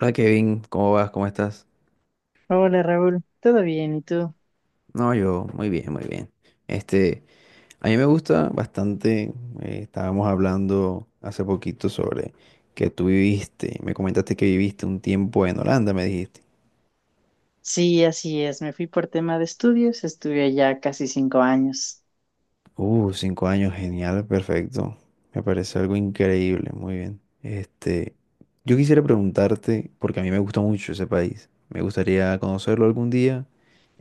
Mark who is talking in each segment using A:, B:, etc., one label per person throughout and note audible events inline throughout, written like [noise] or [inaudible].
A: Hola Kevin, ¿cómo vas? ¿Cómo estás?
B: Hola Raúl, ¿todo bien? ¿Y tú?
A: No, yo muy bien, muy bien. Este, a mí me gusta bastante. Estábamos hablando hace poquito sobre que tú viviste, me comentaste que viviste un tiempo en Holanda, me dijiste.
B: Sí, así es. Me fui por tema de estudios, estuve allá casi 5 años.
A: 5 años, genial, perfecto. Me parece algo increíble, muy bien. Yo quisiera preguntarte, porque a mí me gusta mucho ese país, me gustaría conocerlo algún día,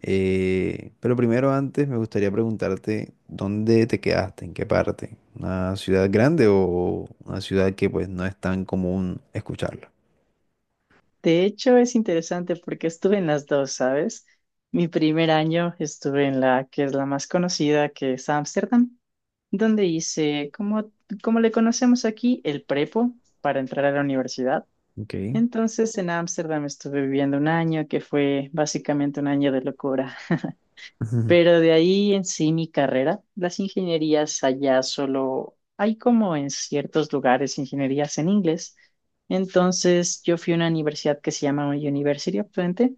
A: pero primero antes me gustaría preguntarte dónde te quedaste, en qué parte, una ciudad grande o una ciudad que pues no es tan común escucharla.
B: De hecho, es interesante porque estuve en las dos, ¿sabes? Mi primer año estuve en la que es la más conocida, que es Ámsterdam, donde hice, como, como le conocemos aquí, el prepo para entrar a la universidad.
A: Ok.
B: Entonces, en Ámsterdam estuve viviendo un año que fue básicamente un año de locura.
A: [laughs]
B: Pero de ahí en sí mi carrera, las ingenierías allá solo hay como en ciertos lugares ingenierías en inglés. Entonces yo fui a una universidad que se llama University of Twente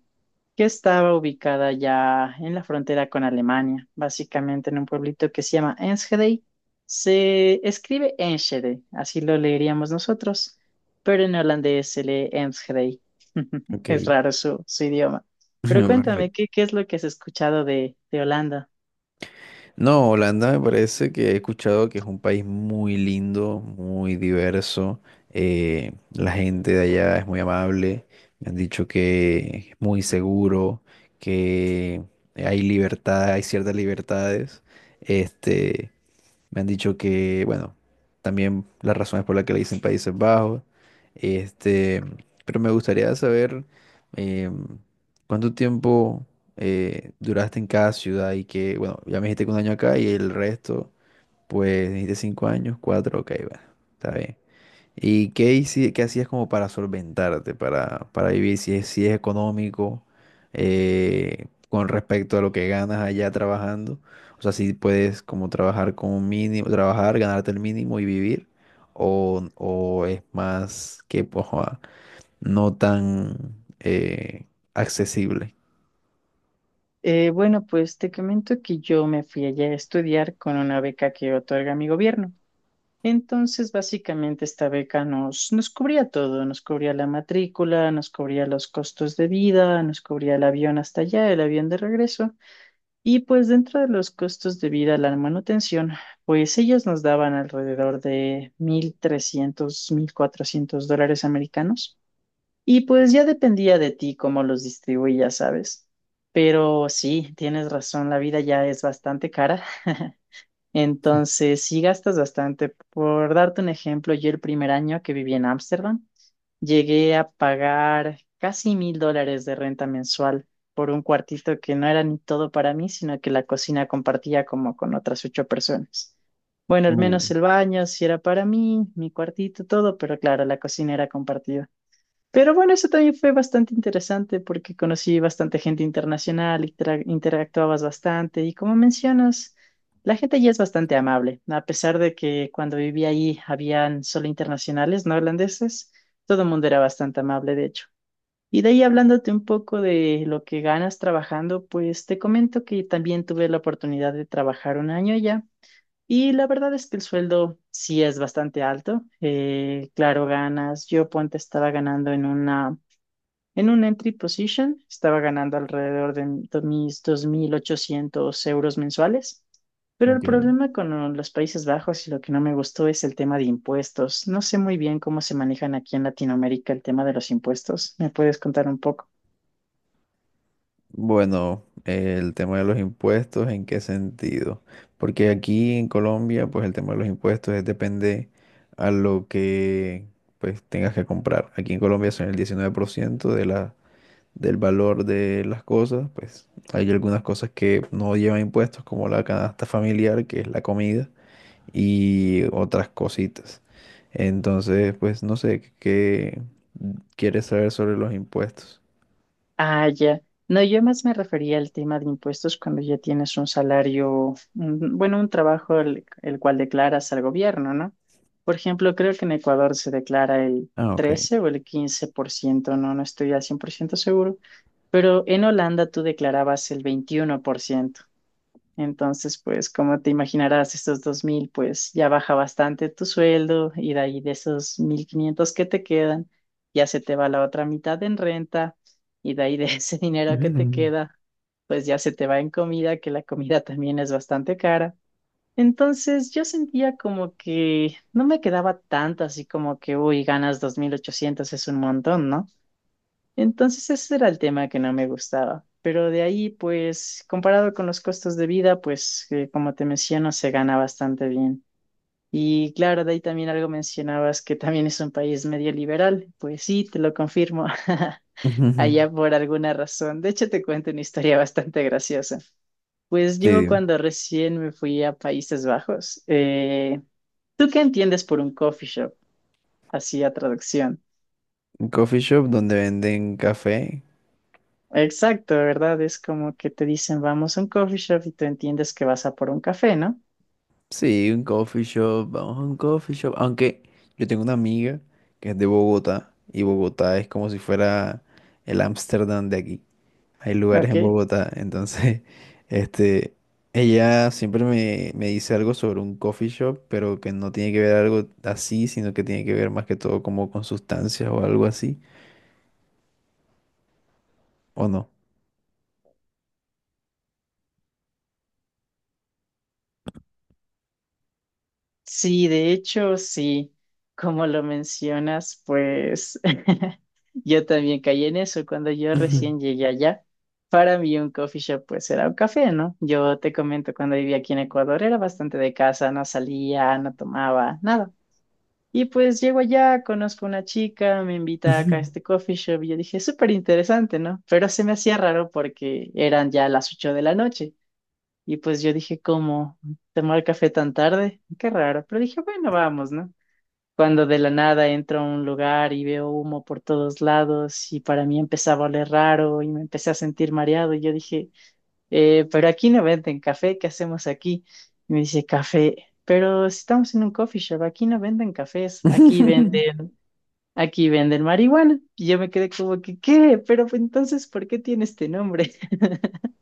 B: que estaba ubicada ya en la frontera con Alemania, básicamente en un pueblito que se llama Enschede. Se escribe Enschede, así lo leeríamos nosotros, pero en holandés se lee Enschede. [laughs]
A: ok,
B: Es raro su idioma. Pero
A: [laughs]
B: cuéntame,
A: perfecto.
B: ¿qué es lo que has escuchado de Holanda?
A: No, Holanda me parece que he escuchado que es un país muy lindo, muy diverso. La gente de allá es muy amable. Me han dicho que es muy seguro, que hay libertad, hay ciertas libertades. Este, Me han dicho que, bueno, también las razones por las que le dicen Países Bajos. Este, pero me gustaría saber eh, cuánto tiempo duraste en cada ciudad. Y que, bueno, ya me dijiste que 1 año acá y el resto, pues dijiste 5 años, cuatro, ok, bueno, está bien. ¿Y qué, qué hacías como para solventarte, para vivir, si es, si es económico, con respecto a lo que ganas allá trabajando? O sea, si puedes como trabajar con un mínimo, trabajar, ganarte el mínimo y vivir, o es más que pues, ah, no tan accesible.
B: Bueno, pues te comento que yo me fui allá a estudiar con una beca que otorga mi gobierno. Entonces, básicamente esta beca nos cubría todo, nos cubría la matrícula, nos cubría los costos de vida, nos cubría el avión hasta allá, el avión de regreso. Y pues dentro de los costos de vida, la manutención, pues ellos nos daban alrededor de 1300, 1400 dólares americanos. Y pues ya dependía de ti cómo los distribuías, ¿sabes? Pero sí, tienes razón, la vida ya es bastante cara. [laughs] Entonces, sí gastas bastante. Por darte un ejemplo, yo el primer año que viví en Ámsterdam, llegué a pagar casi $1000 de renta mensual por un cuartito que no era ni todo para mí, sino que la cocina compartía como con otras ocho personas. Bueno, al
A: Uh,
B: menos el baño sí era para mí, mi cuartito, todo, pero claro, la cocina era compartida. Pero bueno, eso también fue bastante interesante porque conocí bastante gente internacional, interactuabas bastante y como mencionas, la gente allí es bastante amable, a pesar de que cuando viví allí habían solo internacionales, no holandeses, todo el mundo era bastante amable, de hecho. Y de ahí hablándote un poco de lo que ganas trabajando, pues te comento que también tuve la oportunidad de trabajar un año allá y la verdad es que el sueldo sí es bastante alto. Claro, ganas, yo ponte estaba ganando en un entry position estaba ganando alrededor de mis 2800 euros mensuales, pero el
A: ok.
B: problema con los Países Bajos y lo que no me gustó es el tema de impuestos. No sé muy bien cómo se manejan aquí en Latinoamérica el tema de los impuestos. ¿Me puedes contar un poco?
A: Bueno, el tema de los impuestos, ¿en qué sentido? Porque aquí en Colombia, pues el tema de los impuestos es depende a lo que pues tengas que comprar. Aquí en Colombia son el 19% de la, del valor de las cosas. Pues hay algunas cosas que no llevan impuestos, como la canasta familiar, que es la comida, y otras cositas. Entonces, pues no sé, ¿qué quieres saber sobre los impuestos?
B: Ah, ya. No, yo más me refería al tema de impuestos cuando ya tienes un salario, bueno, un trabajo el cual declaras al gobierno, ¿no? Por ejemplo, creo que en Ecuador se declara el
A: Ah, ok.
B: 13 o el 15%. No estoy al 100% seguro, pero en Holanda tú declarabas el 21%. Entonces, pues como te imaginarás, estos 2000 pues ya baja bastante tu sueldo y de ahí de esos 1500 que te quedan, ya se te va la otra mitad en renta y de ahí de [laughs] ese dinero que te
A: Mm.
B: queda, pues ya se te va en comida, que la comida también es bastante cara. Entonces yo sentía como que no me quedaba tanto, así como que, uy, ganas 2800 es un montón, ¿no? Entonces ese era el tema que no me gustaba. Pero de ahí, pues, comparado con los costos de vida, pues, como te menciono, se gana bastante bien. Y claro, de ahí también algo mencionabas que también es un país medio liberal. Pues sí, te lo confirmo. [laughs]
A: [laughs]
B: Allá por alguna razón. De hecho, te cuento una historia bastante graciosa. Pues
A: Sí,
B: yo
A: dime.
B: cuando recién me fui a Países Bajos, ¿tú qué entiendes por un coffee shop? Así a traducción.
A: ¿Un coffee shop? Donde venden café.
B: Exacto, ¿verdad? Es como que te dicen, vamos a un coffee shop y tú entiendes que vas a por un café, ¿no?
A: Sí, un coffee shop, vamos a un coffee shop. Aunque yo tengo una amiga que es de Bogotá, y Bogotá es como si fuera el Ámsterdam de aquí. Hay lugares
B: Ok.
A: en Bogotá, entonces, [laughs] este, ella siempre me, me dice algo sobre un coffee shop, pero que no tiene que ver algo así, sino que tiene que ver más que todo como con sustancias o algo así, ¿o no?
B: Sí, de hecho, sí, como lo mencionas, pues [laughs] yo también caí en eso cuando yo recién
A: [laughs]
B: llegué allá. Para mí un coffee shop pues era un café, ¿no? Yo te comento, cuando vivía aquí en Ecuador era bastante de casa, no salía, no tomaba, nada. Y pues llego allá, conozco una chica, me invita acá a
A: Ujú.
B: este coffee shop y yo dije, súper interesante, ¿no? Pero se me hacía raro porque eran ya las 8 de la noche. Y pues yo dije, ¿cómo tomar café tan tarde? Qué raro. Pero dije, bueno, vamos, ¿no? Cuando de la nada entro a un lugar y veo humo por todos lados y para mí empezaba a oler raro y me empecé a sentir mareado y yo dije, pero aquí no venden café, ¿qué hacemos aquí?" Y me dice, café. Pero si estamos en un coffee shop, aquí no venden cafés, aquí
A: [laughs]
B: venden Aquí venden marihuana. Y yo me quedé como que, ¿qué? Pero pues, entonces, ¿por qué tiene este nombre? [laughs]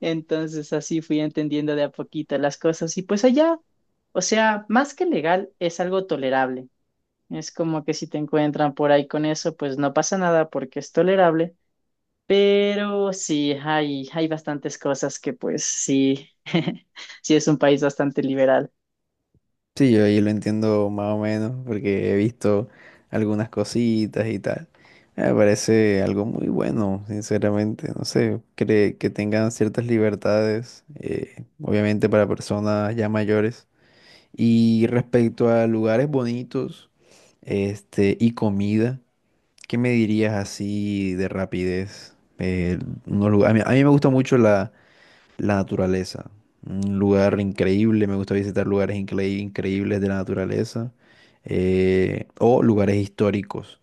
B: Entonces, así fui entendiendo de a poquito las cosas. Y pues allá, o sea, más que legal, es algo tolerable. Es como que si te encuentran por ahí con eso, pues no pasa nada porque es tolerable. Pero sí, hay bastantes cosas que pues sí, [laughs] sí es un país bastante liberal.
A: Sí, yo ahí lo entiendo más o menos porque he visto algunas cositas y tal. Me parece algo muy bueno, sinceramente. No sé, que tengan ciertas libertades, obviamente para personas ya mayores. Y respecto a lugares bonitos, y comida, ¿qué me dirías así de rapidez? A mí me gusta mucho la naturaleza. Un lugar increíble. Me gusta visitar lugares increíbles de la naturaleza. O lugares históricos.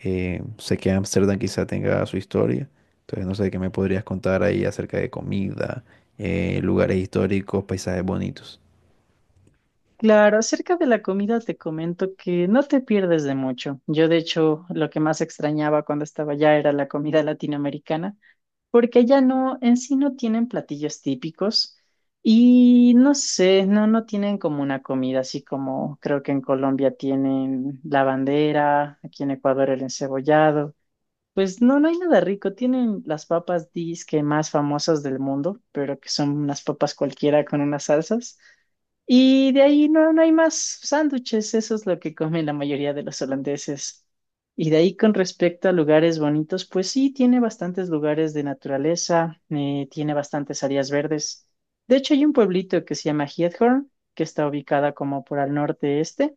A: Sé que Ámsterdam quizá tenga su historia. Entonces no sé qué me podrías contar ahí acerca de comida, lugares históricos, paisajes bonitos.
B: Claro, acerca de la comida te comento que no te pierdes de mucho. Yo, de hecho, lo que más extrañaba cuando estaba allá era la comida latinoamericana, porque allá no, en sí no tienen platillos típicos y no sé, no tienen como una comida así como creo que en Colombia tienen la bandera, aquí en Ecuador el encebollado. Pues no, no hay nada rico. Tienen las papas disque más famosas del mundo, pero que son unas papas cualquiera con unas salsas. Y de ahí no, no hay más sándwiches, eso es lo que comen la mayoría de los holandeses. Y de ahí con respecto a lugares bonitos, pues sí, tiene bastantes lugares de naturaleza, tiene bastantes áreas verdes. De hecho, hay un pueblito que se llama Giethoorn, que está ubicada como por al norte-este.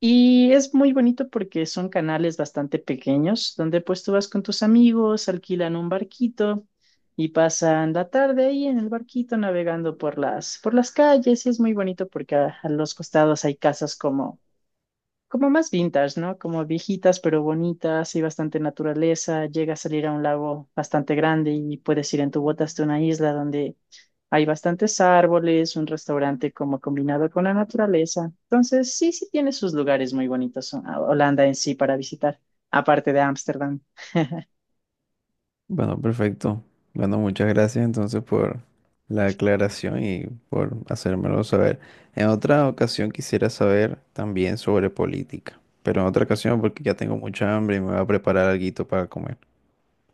B: Y es muy bonito porque son canales bastante pequeños, donde pues tú vas con tus amigos, alquilan un barquito y pasan la tarde ahí en el barquito navegando por las calles. Y es muy bonito porque a los costados hay casas como más vintage, ¿no? Como viejitas pero bonitas y bastante naturaleza. Llega a salir a un lago bastante grande y puedes ir en tu bota hasta una isla donde hay bastantes árboles, un restaurante como combinado con la naturaleza. Entonces, sí, sí tiene sus lugares muy bonitos Holanda en sí para visitar, aparte de Ámsterdam.
A: Bueno, perfecto. Bueno, muchas gracias entonces por la aclaración y por hacérmelo saber. En otra ocasión quisiera saber también sobre política, pero en otra ocasión porque ya tengo mucha hambre y me voy a preparar alguito para comer.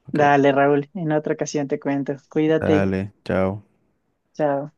A: Ok,
B: Dale, Raúl, en otra ocasión te cuento. Cuídate.
A: dale, chao.
B: Chao.